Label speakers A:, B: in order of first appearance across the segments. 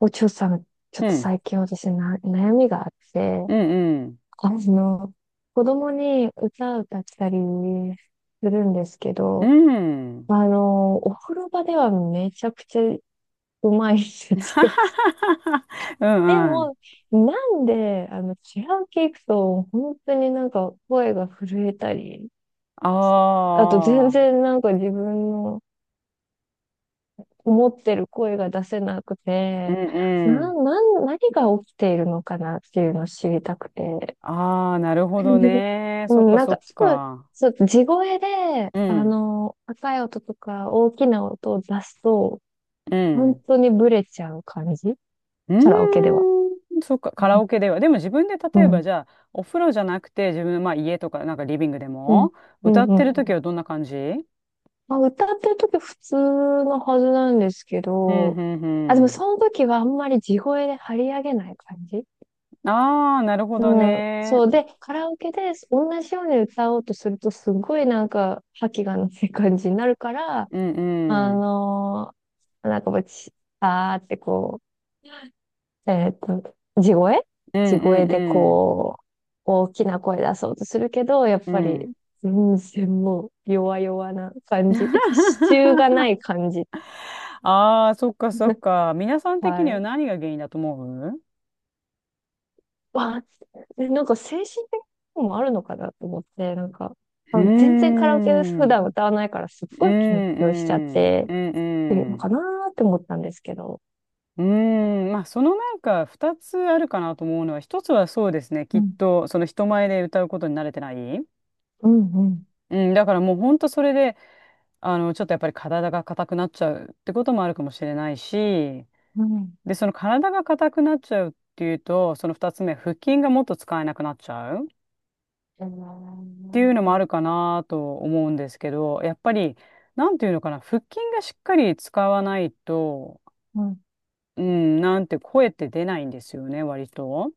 A: お嬢さん、ちょっ
B: う
A: と
B: ん、
A: 最近私な、悩みがあって、
B: うん、
A: あの、子供に歌を歌ったりするんですけ
B: う
A: ど、
B: ん、うん。
A: お風呂場ではめちゃくちゃうまいんですよ。
B: う
A: で
B: んうん。
A: も、なんで、違う系行くと、本当になんか声が震えたり、
B: あ
A: あと全
B: あ、
A: 然なんか自分の思ってる声が出せなく
B: うん
A: て、
B: う
A: な、
B: ん。
A: なん、何が起きているのかなっていうのを知りたくて。
B: ああ、なるほど ね。
A: う
B: そっ
A: ん、
B: か
A: なん
B: そ
A: か、
B: っ
A: すぐ、
B: か。
A: そう、地声で、
B: うん、
A: 高い音とか大きな音を出すと、
B: う
A: 本
B: ん。
A: 当にブレちゃう感じ
B: う
A: カラオケでは。
B: ーん、そっか、カ
A: う
B: ラ
A: ん、
B: オケでは。でも自分で
A: う
B: 例えば
A: ん、
B: じゃあ、お風呂じゃなくて自分の、まあ、家とかなんかリビングで
A: うん、
B: も
A: うん。
B: 歌ってる
A: う
B: 時
A: ん。
B: はどんな感じ？うん、
A: まあ、歌ってる時普通のはずなんですけ
B: うん、
A: ど、あ、で
B: う
A: もそ
B: ん。
A: の時はあんまり地声で張り上げない感じ。
B: ああ、なるほど
A: うん。
B: ね。
A: そう。で、カラオケで同じように歌おうとすると、すごいなんか、覇気がない感じになるから、
B: うん、う
A: あ
B: ん。
A: のなんかもうち、あーってこう、えっと、地声
B: うん、
A: 地
B: う
A: 声
B: ん、
A: で
B: うん。
A: こう、大きな声出そうとするけど、やっ
B: う
A: ぱり、
B: ん。
A: 全然もう、弱々な感じ。支柱がない感じ。
B: ああ、そっかそっ か。皆さん的
A: は
B: には
A: い。
B: 何が原因だと思う？
A: わあ、なんか精神的なともあるのかなと思って、なんか、
B: うー
A: 全然カラオケで
B: ん、う
A: 普
B: ん、
A: 段歌わないからすっ
B: う
A: ごい緊張しちゃっ
B: ん、
A: て、
B: うん、う
A: っていうの
B: ん。
A: かなーって思ったんですけど。
B: うーん、まあそのなんか二つあるかなと思うのは一つはそうですね
A: う
B: きっ
A: ん、
B: とその人前で歌うことに慣れてない、
A: うん、うん。
B: うん、だからもうほんとそれであのちょっとやっぱり体が硬くなっちゃうってこともあるかもしれないし、
A: うん。
B: でその体が硬くなっちゃうっていうとその二つ目、腹筋がもっと使えなくなっちゃう
A: えー、
B: っていうのもあるかなと思うんですけど、やっぱり、なんていうのかな、腹筋がしっかり使わないと、
A: うん、
B: うん、なんて声って出ないんですよね、割と。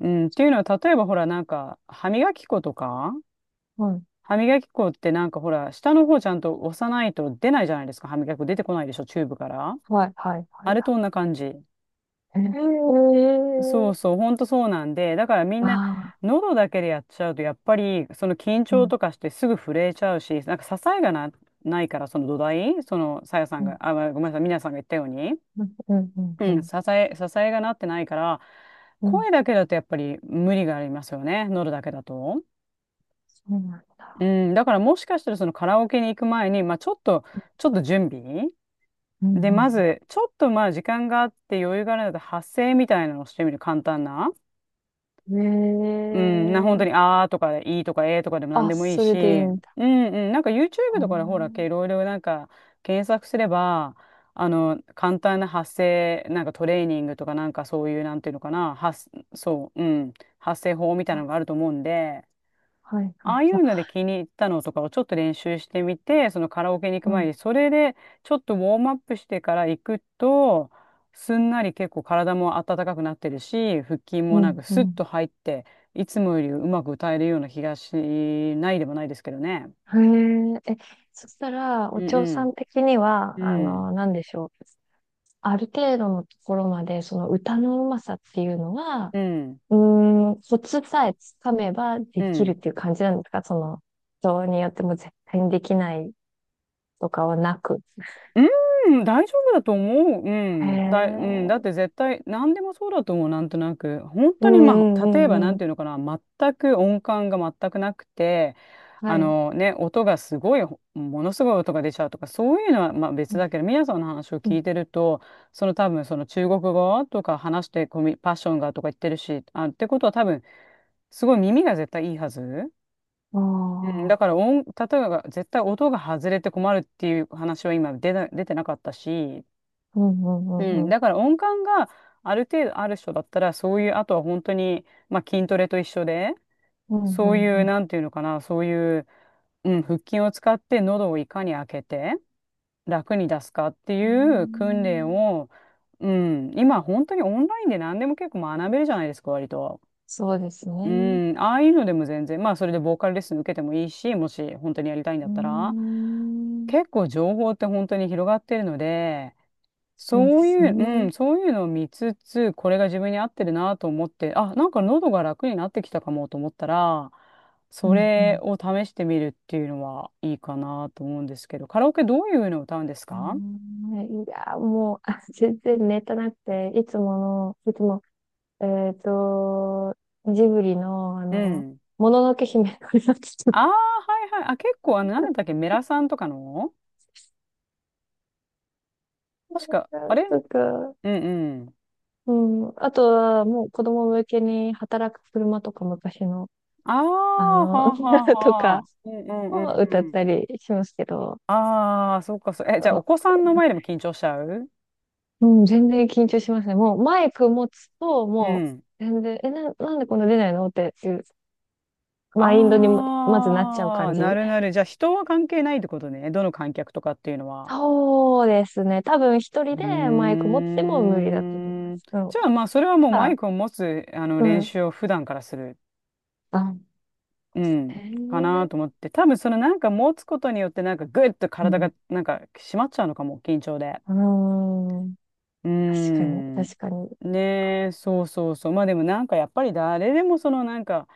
B: うん、っていうのは、例えばほら、なんか、歯磨き粉とか、
A: うん、
B: 歯磨き粉ってなんかほら、下の方ちゃんと押さないと出ないじゃないですか、歯磨き粉出てこないでしょ、チューブから。
A: はい、はい、は
B: あ
A: い、
B: れ
A: は
B: と同じ
A: い。
B: 感じ。
A: え
B: そ
A: え。
B: うそう、ほんとそうなんで、だからみん
A: あ
B: な、
A: あ、
B: 喉だけでやっちゃうと、やっぱり、その緊
A: う
B: 張
A: ん、
B: とかしてすぐ震えちゃうし、なんか支えがな、ないから、その土台、その、さやさ
A: う
B: んが、
A: ん、
B: あ、ごめんなさい、みなさんが言ったように、
A: うん、うん、うん、
B: う
A: う
B: ん、
A: ん、
B: 支えがなってないから、
A: うん。
B: 声だけだとやっぱり無理がありますよね、喉だけだと。
A: そうなん
B: う
A: だ。
B: ん、だからもしかしたらそのカラオケに行く前に、まあちょっと準備
A: う
B: で、
A: ん、
B: まず、ちょっとまあ時間があって余裕があるので発声みたいなのをしてみる、簡単な。うん、本
A: う
B: 当
A: ん。え
B: に、
A: え。
B: あーとか、いいとか、えーとかでも何
A: あ、
B: でもいい
A: それ
B: し、
A: でいい
B: う
A: んだ。
B: んうん、なんか YouTube
A: あ
B: とかでほら、
A: ー。
B: いろいろなんか検索すれば、簡単な発声、なんかトレーニングとか、なんかそういう、なんていうのかな、そう、うん、発声法みたいな
A: あ、
B: のがあると思うんで、
A: はい、は
B: あ
A: い。
B: あい
A: あ、
B: うので気に入ったのとかをちょっと練習してみて、そのカラオケに行く
A: う
B: 前
A: ん、
B: に、それでちょっとウォームアップしてから行くと、すんなり結構体も温かくなってるし、腹筋
A: う
B: もなんか
A: ん、う
B: スッ
A: ん。
B: と入って、いつもよりうまく歌えるような気がしないでもないですけどね。
A: へえ、そしたら、お
B: うん
A: 嬢さん的には、
B: うん。うん。
A: なんでしょう。ある程度のところまで、その歌のうまさっていうのは、
B: うん。
A: うーん、コツさえつかめばで
B: う
A: きるっ
B: ん。
A: ていう感じなんですか？その、人によっても絶対にできないとかはなく。
B: うーん、大丈夫だと思う。う
A: へ
B: ん。うん。だっ
A: え。
B: て絶対、何でもそうだと思う、なんとなく。本
A: う
B: 当に、ま
A: ん
B: あ、
A: う
B: 例え
A: んう
B: ば、な
A: んう
B: ん
A: ん。
B: ていうのかな、全く音感が全くなくて、
A: は
B: あ
A: い。
B: のね、音がすごい、ものすごい音が出ちゃうとか、そういうのは、まあ、別だけど、皆さんの話を
A: う
B: 聞
A: ん
B: いてると、その多分、その中国語とか話してパッションがとか言ってるし、あ、ってことは多分、すごい耳が絶対いいはず。
A: う
B: うん、
A: ん、
B: だ
A: あ
B: か
A: あ。
B: ら例えば絶対音が外れて困るっていう話は今出てなかったし、
A: うんう
B: う
A: んうん
B: ん、
A: うん。
B: だから音感がある程度ある人だったらそういうあとは本当に、まあ、筋トレと一緒で
A: うんう
B: そういう
A: ん
B: なんていうのかなそういう、うん、腹筋を使って喉をいかに開けて楽に出すかって
A: うん。うー
B: いう訓練
A: ん。
B: を、うん、今本当にオンラインで何でも結構学べるじゃないですか割と。
A: そうです
B: う
A: ね。
B: ん、ああいうのでも全然まあそれでボーカルレッスン受けてもいいし、もし本当にやりたいんだ
A: う
B: っ
A: ー
B: たら
A: ん。
B: 結構情報って本当に広がってるので。
A: そうで
B: そう
A: す
B: いう、う
A: ね。
B: ん、そういうのを見つつ、これが自分に合ってるなと思って、あ、なんか喉が楽になってきたかもと思ったら、
A: う
B: そ
A: んう
B: れ
A: ん。
B: を試してみるっていうのはいいかなと思うんですけど、カラオケどういうのを歌うんです
A: う
B: か？
A: ーん。いや、もう、全然ネタなくて、いつもえっと、ジブリの、あ
B: う
A: の、
B: ん。
A: もののけ姫のやつとか、
B: ああ、はいはい。あ、結構、なんだったっけ、メラさんとかの確か、あれ。
A: とか、
B: うんうん。
A: うん、あとは、もう子供向けに働く車とか昔の、
B: あ
A: あ
B: あ、
A: の、
B: はあはあ
A: と
B: は
A: か
B: あ。うんうんう
A: を歌っ
B: んうん。
A: たりしますけど、
B: ああ、そうかそう。え、
A: あ
B: じゃあ、お
A: の
B: 子さんの前でも緊張しちゃう？
A: うん、全然緊張しますね。もうマイク持つと、
B: う
A: も
B: ん。
A: う全然、なんでこんな出ないのっていうマインドにまずなっちゃう
B: あ
A: 感
B: あ、な
A: じ。
B: るなる。じゃあ人は関係ないってことね。どの観客とかっていうのは。
A: そうですね。多分一人で
B: う
A: マイク
B: ー
A: 持っても無理だと思いま
B: ん。
A: す。
B: じゃあまあそれはもうマイクを持つあの
A: う
B: 練
A: ん。
B: 習を普段からする。
A: あ、
B: うん。
A: へ
B: かな
A: え、
B: と思って。多分そのなんか持つことによってなんかグッと
A: う
B: 体
A: ん。
B: がなんか締まっちゃうのかも。緊張で。
A: うーん。
B: うー
A: 確かに、
B: ん。
A: 確かに。
B: ねえ、そうそうそう。まあでもなんかやっぱり誰でもそのなんか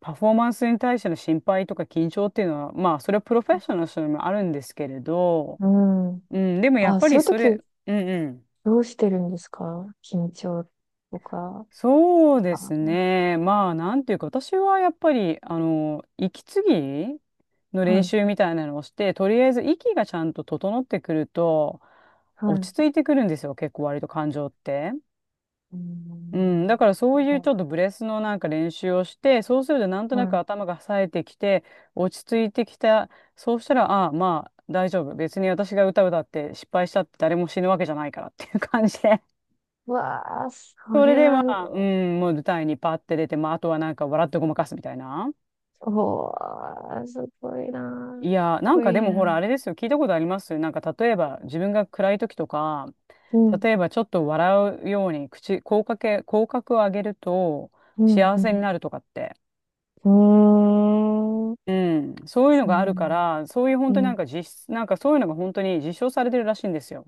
B: パフォーマンスに対しての心配とか緊張っていうのは、まあそれはプロフェッショナルの人にもあるんですけれど、
A: うん。
B: うん、でもやっ
A: あ、
B: ぱ
A: そ
B: り
A: ういう
B: それ、
A: 時、
B: うんうん。
A: どうしてるんですか？緊張とか。
B: そうで
A: あ、
B: すね。まあなんていうか私はやっぱり、息継ぎの
A: は
B: 練
A: い、
B: 習みたいなのをして、とりあえず息がちゃんと整ってくると
A: はい。
B: 落ち着いてくるんですよ。結構割と感情って。
A: う
B: うん、だ
A: ん。
B: からそういうちょっとブレスのなんか練習をして、そうするとなんと
A: は
B: なく
A: い。
B: 頭が冴えてきて、落ち着いてきた。そうしたら、ああ、まあ大丈夫。別に私が歌歌って失敗したって誰も死ぬわけじゃないからっていう 感じで。
A: うわあ、そ
B: それ
A: れ
B: でま
A: は。
B: あ、うん、もう舞台にパッて出て、まああとはなんか笑ってごまかすみたいな。
A: おー、すごいなー。
B: い
A: かっ
B: やー、なん
A: こ
B: か
A: い
B: で
A: い
B: もほ
A: な。
B: らあれですよ。聞いたことありますなんか例えば自分が暗い時とか、
A: うん、
B: 例えばちょっと笑うように口角を上げると
A: うん、
B: 幸
A: う
B: せにな
A: ん。
B: るとかって。
A: うーん。
B: うん、そういうの
A: そう
B: がある
A: な
B: から、そういう本当にな
A: ん。
B: んか実質、なんかそういうのが本当に実証されてるらしいんですよ。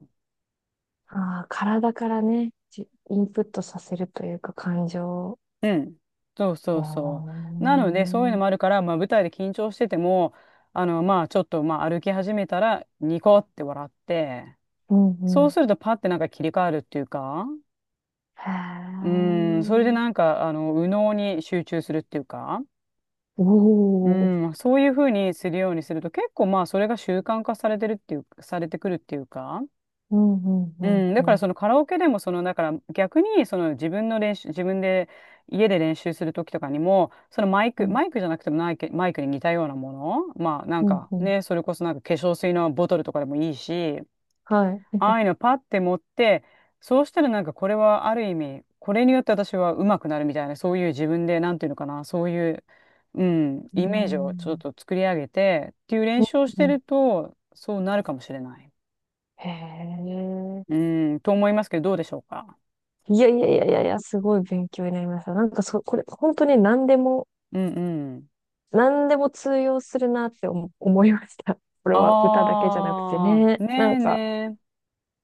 A: ああ、体からね、インプットさせるというか感情。
B: うん。そうそ
A: うー
B: うそう。なので、そういうの
A: ん、
B: もあるから、まあ舞台で緊張してても、まあちょっと、まあ歩き始めたら、ニコって笑って、
A: うん
B: そ
A: う
B: うす
A: ん。
B: るとパッてなんか切り替わるっていうか、う
A: へ
B: ん、それでなん
A: え。
B: か、右脳に集中するっていうか、
A: お
B: う
A: お。
B: ん、そういうふうにするようにすると、結構まあそれが習慣化されてるっていう、されてくるっていうか、
A: うんうんう
B: う
A: ん
B: ん、だ
A: う
B: から
A: ん。
B: そのカラオケでもそのだから逆にその自分の練習自分で家で練習する時とかにもそのマイ
A: う
B: ク
A: ん
B: マイクじゃなくてもマイク、マイクに似たようなものまあなん
A: うん
B: か
A: うん。
B: ねそれこそなんか化粧水のボトルとかでもいいし、
A: はい。う
B: ああいうのパッて持って、そうしたらなんかこれはある意味これによって私は上手くなるみたいな、そういう自分でなんていうのかな、そういう、うん、イメージをちょっ
A: ん。
B: と作り上げてっていう練
A: う
B: 習をして
A: んうん。
B: るとそうなるかもしれない、
A: へえ。
B: うん、と思いますけど、どうでしょうか。
A: いやいやいやいやいや、すごい勉強になりました。なんかこれ、本当に何でも、
B: うんうん。
A: 何でも通用するなって思いました。これは歌だけじゃなくて
B: あ
A: ね。
B: あ、
A: な
B: ね
A: ん
B: え
A: か、
B: ね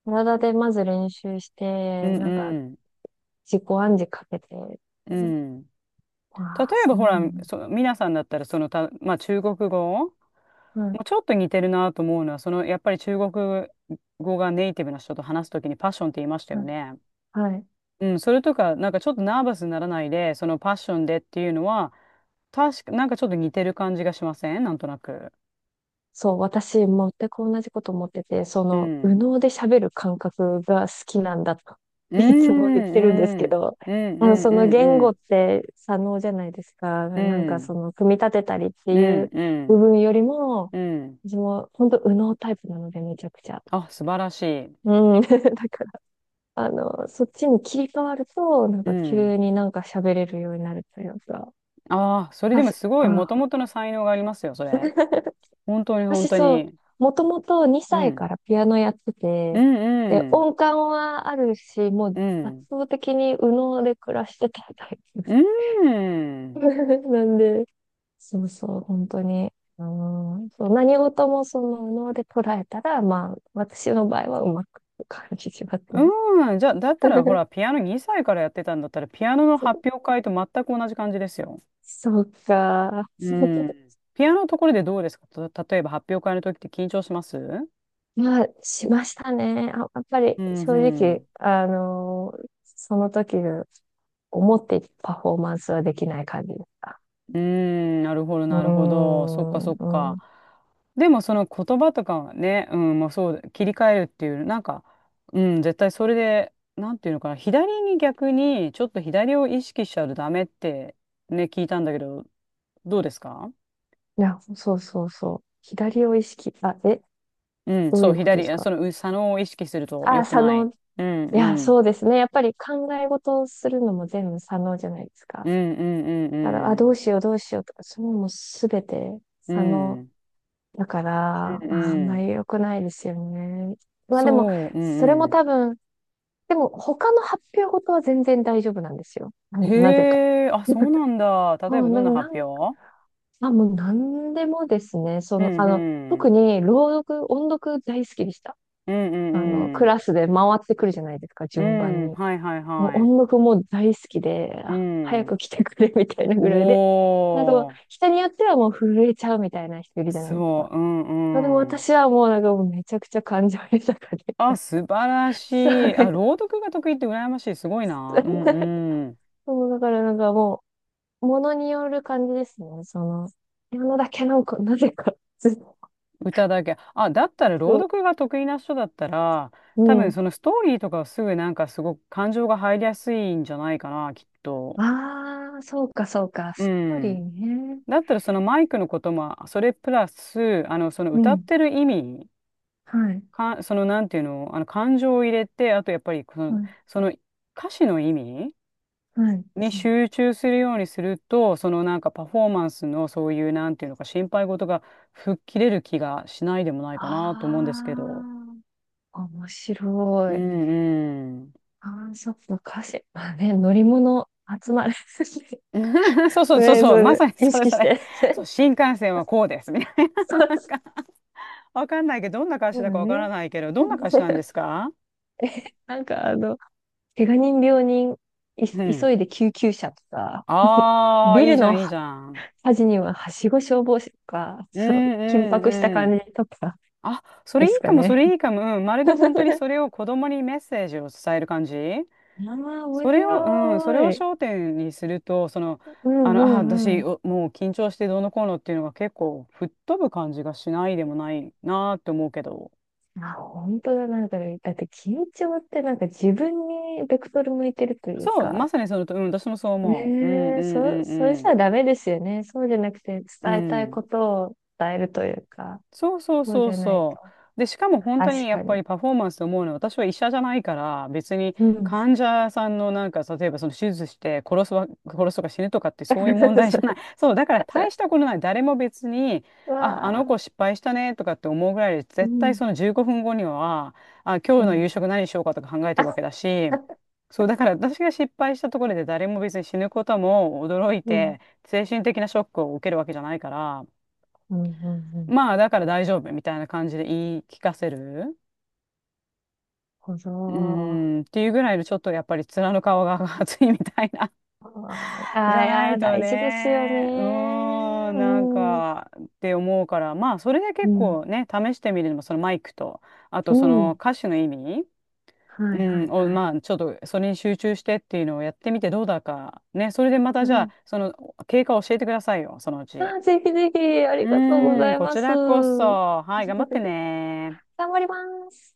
A: 体でまず練習し
B: え。う
A: て、
B: ん
A: なんか
B: うん。
A: 自己暗示かけて、
B: うん。例
A: わあ、
B: え
A: そ
B: ば
A: う
B: ほ
A: なの。
B: ら、そ、皆さんだったらそのた、まあ中国語
A: うん、
B: もうちょっと似てるなと思うのは、そのやっぱり中国語がネイティブな人と話すときにパッションって言いました
A: う
B: よ
A: ん、
B: ね。
A: はい。
B: うん、それとか、なんかちょっとナーバスにならないで、そのパッションでっていうのは、確か、なんかちょっと似てる感じがしません、なんとなく。
A: そう、私、全く同じこと思ってて、そ
B: う
A: の、右
B: ん。
A: 脳で喋る感覚が好きなんだと、
B: うん、
A: いつも言ってるんですけ
B: うん、
A: ど、
B: うん、うん、
A: そ
B: う
A: の
B: ん、
A: 言
B: う
A: 語っ
B: ん。
A: て左脳じゃないですか。
B: う
A: なんかそ
B: ん
A: の、組み立てたりって
B: う
A: い
B: ん、
A: う
B: う
A: 部
B: ん、
A: 分よりも、
B: うん。
A: 私も本当右脳タイプなので、めちゃくちゃ。
B: あ、素晴らしい。
A: うん。だからそっちに切り替わると、なん
B: う
A: か
B: ん。
A: 急になんか喋れるようになるというか、
B: ああ、それで
A: は
B: も
A: し、
B: すごい、
A: あ、
B: もともとの才能がありますよ、それ。本当に、本
A: 私
B: 当
A: そう、
B: に。
A: もともと
B: う
A: 2歳
B: ん。
A: からピアノやって
B: う
A: て、で、
B: ん、うん。
A: 音感はあるし、もう
B: う
A: 圧
B: ん。
A: 倒的に右脳で暮らしてたタイプで
B: う
A: す。
B: ん。
A: なんで、そうそう、本当に。うん、そう、何事もその右脳で捉えたら、まあ、私の場合はうまくいく感じしますね。
B: うん。じゃあ、だったら、ほ ら、ピアノ2歳からやってたんだったら、ピアノの発表会と全く同じ感じですよ。
A: そうか。
B: うん。ピアノのところでどうですか、た、例えば、発表会の時って緊張します？う
A: まあ、しましたね。あ、やっぱり
B: ん、う
A: 正直、
B: ん。
A: その時の思っていたパフォーマンスはできない感じでした。
B: うーん、なるほど、
A: うー
B: なるほど。そっか、そっ
A: ん、う
B: か。
A: ん。
B: でも、その言葉とかはね、うん、まあそう、切り替えるっていう、なんか、うん、絶対それで、なんていうのかな、左に逆に、ちょっと左を意識しちゃうとダメって、ね、聞いたんだけど、どうですか？
A: いや、そうそうそう。左を意識、あ、え、
B: うん、
A: どう
B: そ
A: い
B: う、
A: うことで
B: 左、
A: す
B: あそ
A: か？
B: の、う、左脳を意識すると
A: あ、
B: 良く
A: 左
B: な
A: 脳。
B: い。うん、
A: いや、
B: うん、
A: そうですね。やっぱり考え事をするのも全部左脳じゃないです
B: う
A: か。
B: ん、うん、
A: だから、あ、
B: う
A: どう
B: ん、
A: しよう、どうしようとか、そういうのもすべて
B: う
A: 左
B: ん、う
A: 脳。
B: ん、
A: だか
B: う
A: ら、あ
B: ん、
A: あん
B: う
A: ま
B: ん、
A: り良くないですよね。まあでも、
B: そう、う
A: それ
B: ん、
A: も
B: うん。
A: 多分、でも、他の発表事は全然大丈夫なんですよ。うん。なぜか。
B: へえ、あ、そう
A: あ
B: なんだ。例えば、ど
A: で
B: んな
A: な
B: 発
A: んか、
B: 表？
A: あ、もう何でもですね。そ
B: う
A: の、
B: ん、う
A: 特
B: ん。
A: に朗読、音読大好きでした。
B: うん、うんう
A: ク
B: ん。
A: ラスで回ってくるじゃないですか、
B: う
A: 順番
B: ん、
A: に。
B: はいはい
A: もう
B: はい。
A: 音読も大好きで、
B: う
A: 早く
B: ん。
A: 来てくれみたいなぐらいで。なんかもう、
B: おー。
A: 人によってはもう震えちゃうみたいな人いるじゃないです
B: そ
A: か。
B: う、う
A: まあでも
B: ん、うん。
A: 私はもうなんかもうめちゃくちゃ感情豊かで。
B: あ、素晴ら し
A: そう
B: い。
A: で
B: あ、
A: す。
B: 朗読が得意って羨ましい。すごいな。うん、うん。
A: もうだからなんかもう、ものによる感じですね。その、ピアノだけなんか、なぜか、ずっ
B: 歌だけ。あ、だったら朗
A: と。
B: 読が得意な人だったら、
A: う
B: 多分
A: ん。
B: そのストーリーとかはすぐなんかすごく感情が入りやすいんじゃないかな、きっと。
A: ああ、そうか、そうか。
B: う
A: ストーリー
B: ん。
A: ね。
B: だったらそのマイクのことも、それプラス、その
A: う
B: 歌っ
A: ん。
B: てる意味、
A: はい。
B: か、その、なんていうの、感情を入れて、あと、やっぱり、そ
A: は
B: の、
A: い。
B: その歌詞の意味
A: はい。
B: に集中するようにすると、その、なんか、パフォーマンスの、そういう、なんていうのか、心配事が吹っ切れる気がしないでもないかなと思うんですけど。
A: ああー、面
B: う
A: 白い。
B: んう
A: ああ、そっか、歌詞。まあね、乗り物集まる。
B: ん。そうそうそう
A: ね、そ
B: そう、
A: れ
B: ま
A: で、
B: さに
A: 意
B: それ
A: 識
B: そ
A: し
B: れ。
A: て。
B: そ う、新幹線はこうです、みたい
A: そ
B: な、なん
A: う
B: か、わかんないけど、どんな歌
A: そ
B: 詞
A: う
B: だ
A: だ
B: かわから
A: ね。
B: ないけど、どんな歌詞なんで すか？
A: なんか怪我人病人、
B: う
A: 急
B: ん。
A: いで救急車とか、
B: ああ
A: ビ
B: ー、いい
A: ル
B: じゃ
A: の
B: ん、いいじゃん。
A: 端には、はしご消防士とか、
B: うん
A: その緊
B: う
A: 迫した
B: んうん。
A: 感じとか
B: あ、そ
A: で
B: れい
A: す
B: い
A: か
B: かも、そ
A: ね。
B: れいいかも。うん、まるで本当にそれを子供にメッセージを伝える感じ。
A: ああ、面
B: それを、うん、それを
A: 白い。
B: 焦点にすると、その、
A: うんう
B: あ、
A: んう
B: 私、
A: ん。
B: おもう緊張してどうのこうのっていうのが結構吹っ飛ぶ感じがしないでもないなって思うけど。
A: あ、本当だ。なんか、だって緊張ってなんか自分にベクトル向いてるという
B: そう、ま
A: か、
B: さにそのと、うん、私もそう思う。うんう
A: ねえ、そ、
B: ん
A: それじ
B: うん
A: ゃダメですよね。そうじゃなくて
B: うん。
A: 伝えた
B: う
A: い
B: ん。
A: ことを伝えるというか、
B: そうそう
A: そう
B: そ
A: じ
B: う
A: ゃない
B: そう。
A: と。
B: で、しかも本当
A: 確
B: にやっ
A: か
B: ぱ
A: に。
B: りパフォーマンスと思うのは、私は医者じゃないから、別に
A: うん。
B: 患者さんのなんか、例えばその手術して殺すわ、殺すとか死ぬとかって、そういう問題じゃない。そう、だから大したことない。誰も別に、
A: う
B: あ、あ
A: わ
B: の
A: あ、
B: 子失敗したねとかって思うぐらいで、
A: う
B: 絶対
A: ん、
B: その15分後には、あ、今
A: う
B: 日の夕
A: ん。
B: 食何しようかとか考えてるわ
A: あ、
B: けだし、そう、だから私が失敗したところで誰も別に死ぬことも驚い
A: うん、
B: て、精神的なショックを受けるわけじゃないから、
A: うん、うん、うん。
B: まあ、だから大丈夫みたいな感じで言い聞かせる。
A: ほ
B: うー
A: ど。
B: ん、っていうぐらいの、ちょっとやっぱり面の顔が熱いみたいな
A: あ
B: じ
A: あ、
B: ゃ
A: い
B: な
A: や、
B: いと
A: 大事ですよ
B: ね、う
A: ね。
B: ーん、
A: う
B: なん
A: ん。
B: かって思うから、まあ、それで
A: う
B: 結
A: ん。
B: 構ね、試してみるのも、そのマイクと、あと
A: う
B: その
A: ん。
B: 歌詞の意味、
A: はい、
B: う
A: は
B: ん、
A: い、
B: を、
A: はい。
B: まあ、ちょっとそれに集中してっていうのをやってみてどうだか。ね、それでまた
A: う
B: じゃあ、
A: ん。
B: その経過を教えてくださいよ、そのう
A: あ
B: ち。
A: ー、ぜひぜひ、あ
B: う
A: りがとうご
B: ー
A: ざ
B: ん、
A: い
B: こ
A: ま
B: ち
A: す。
B: らこ
A: 頑
B: そ。はい、頑張ってね。
A: 張ります。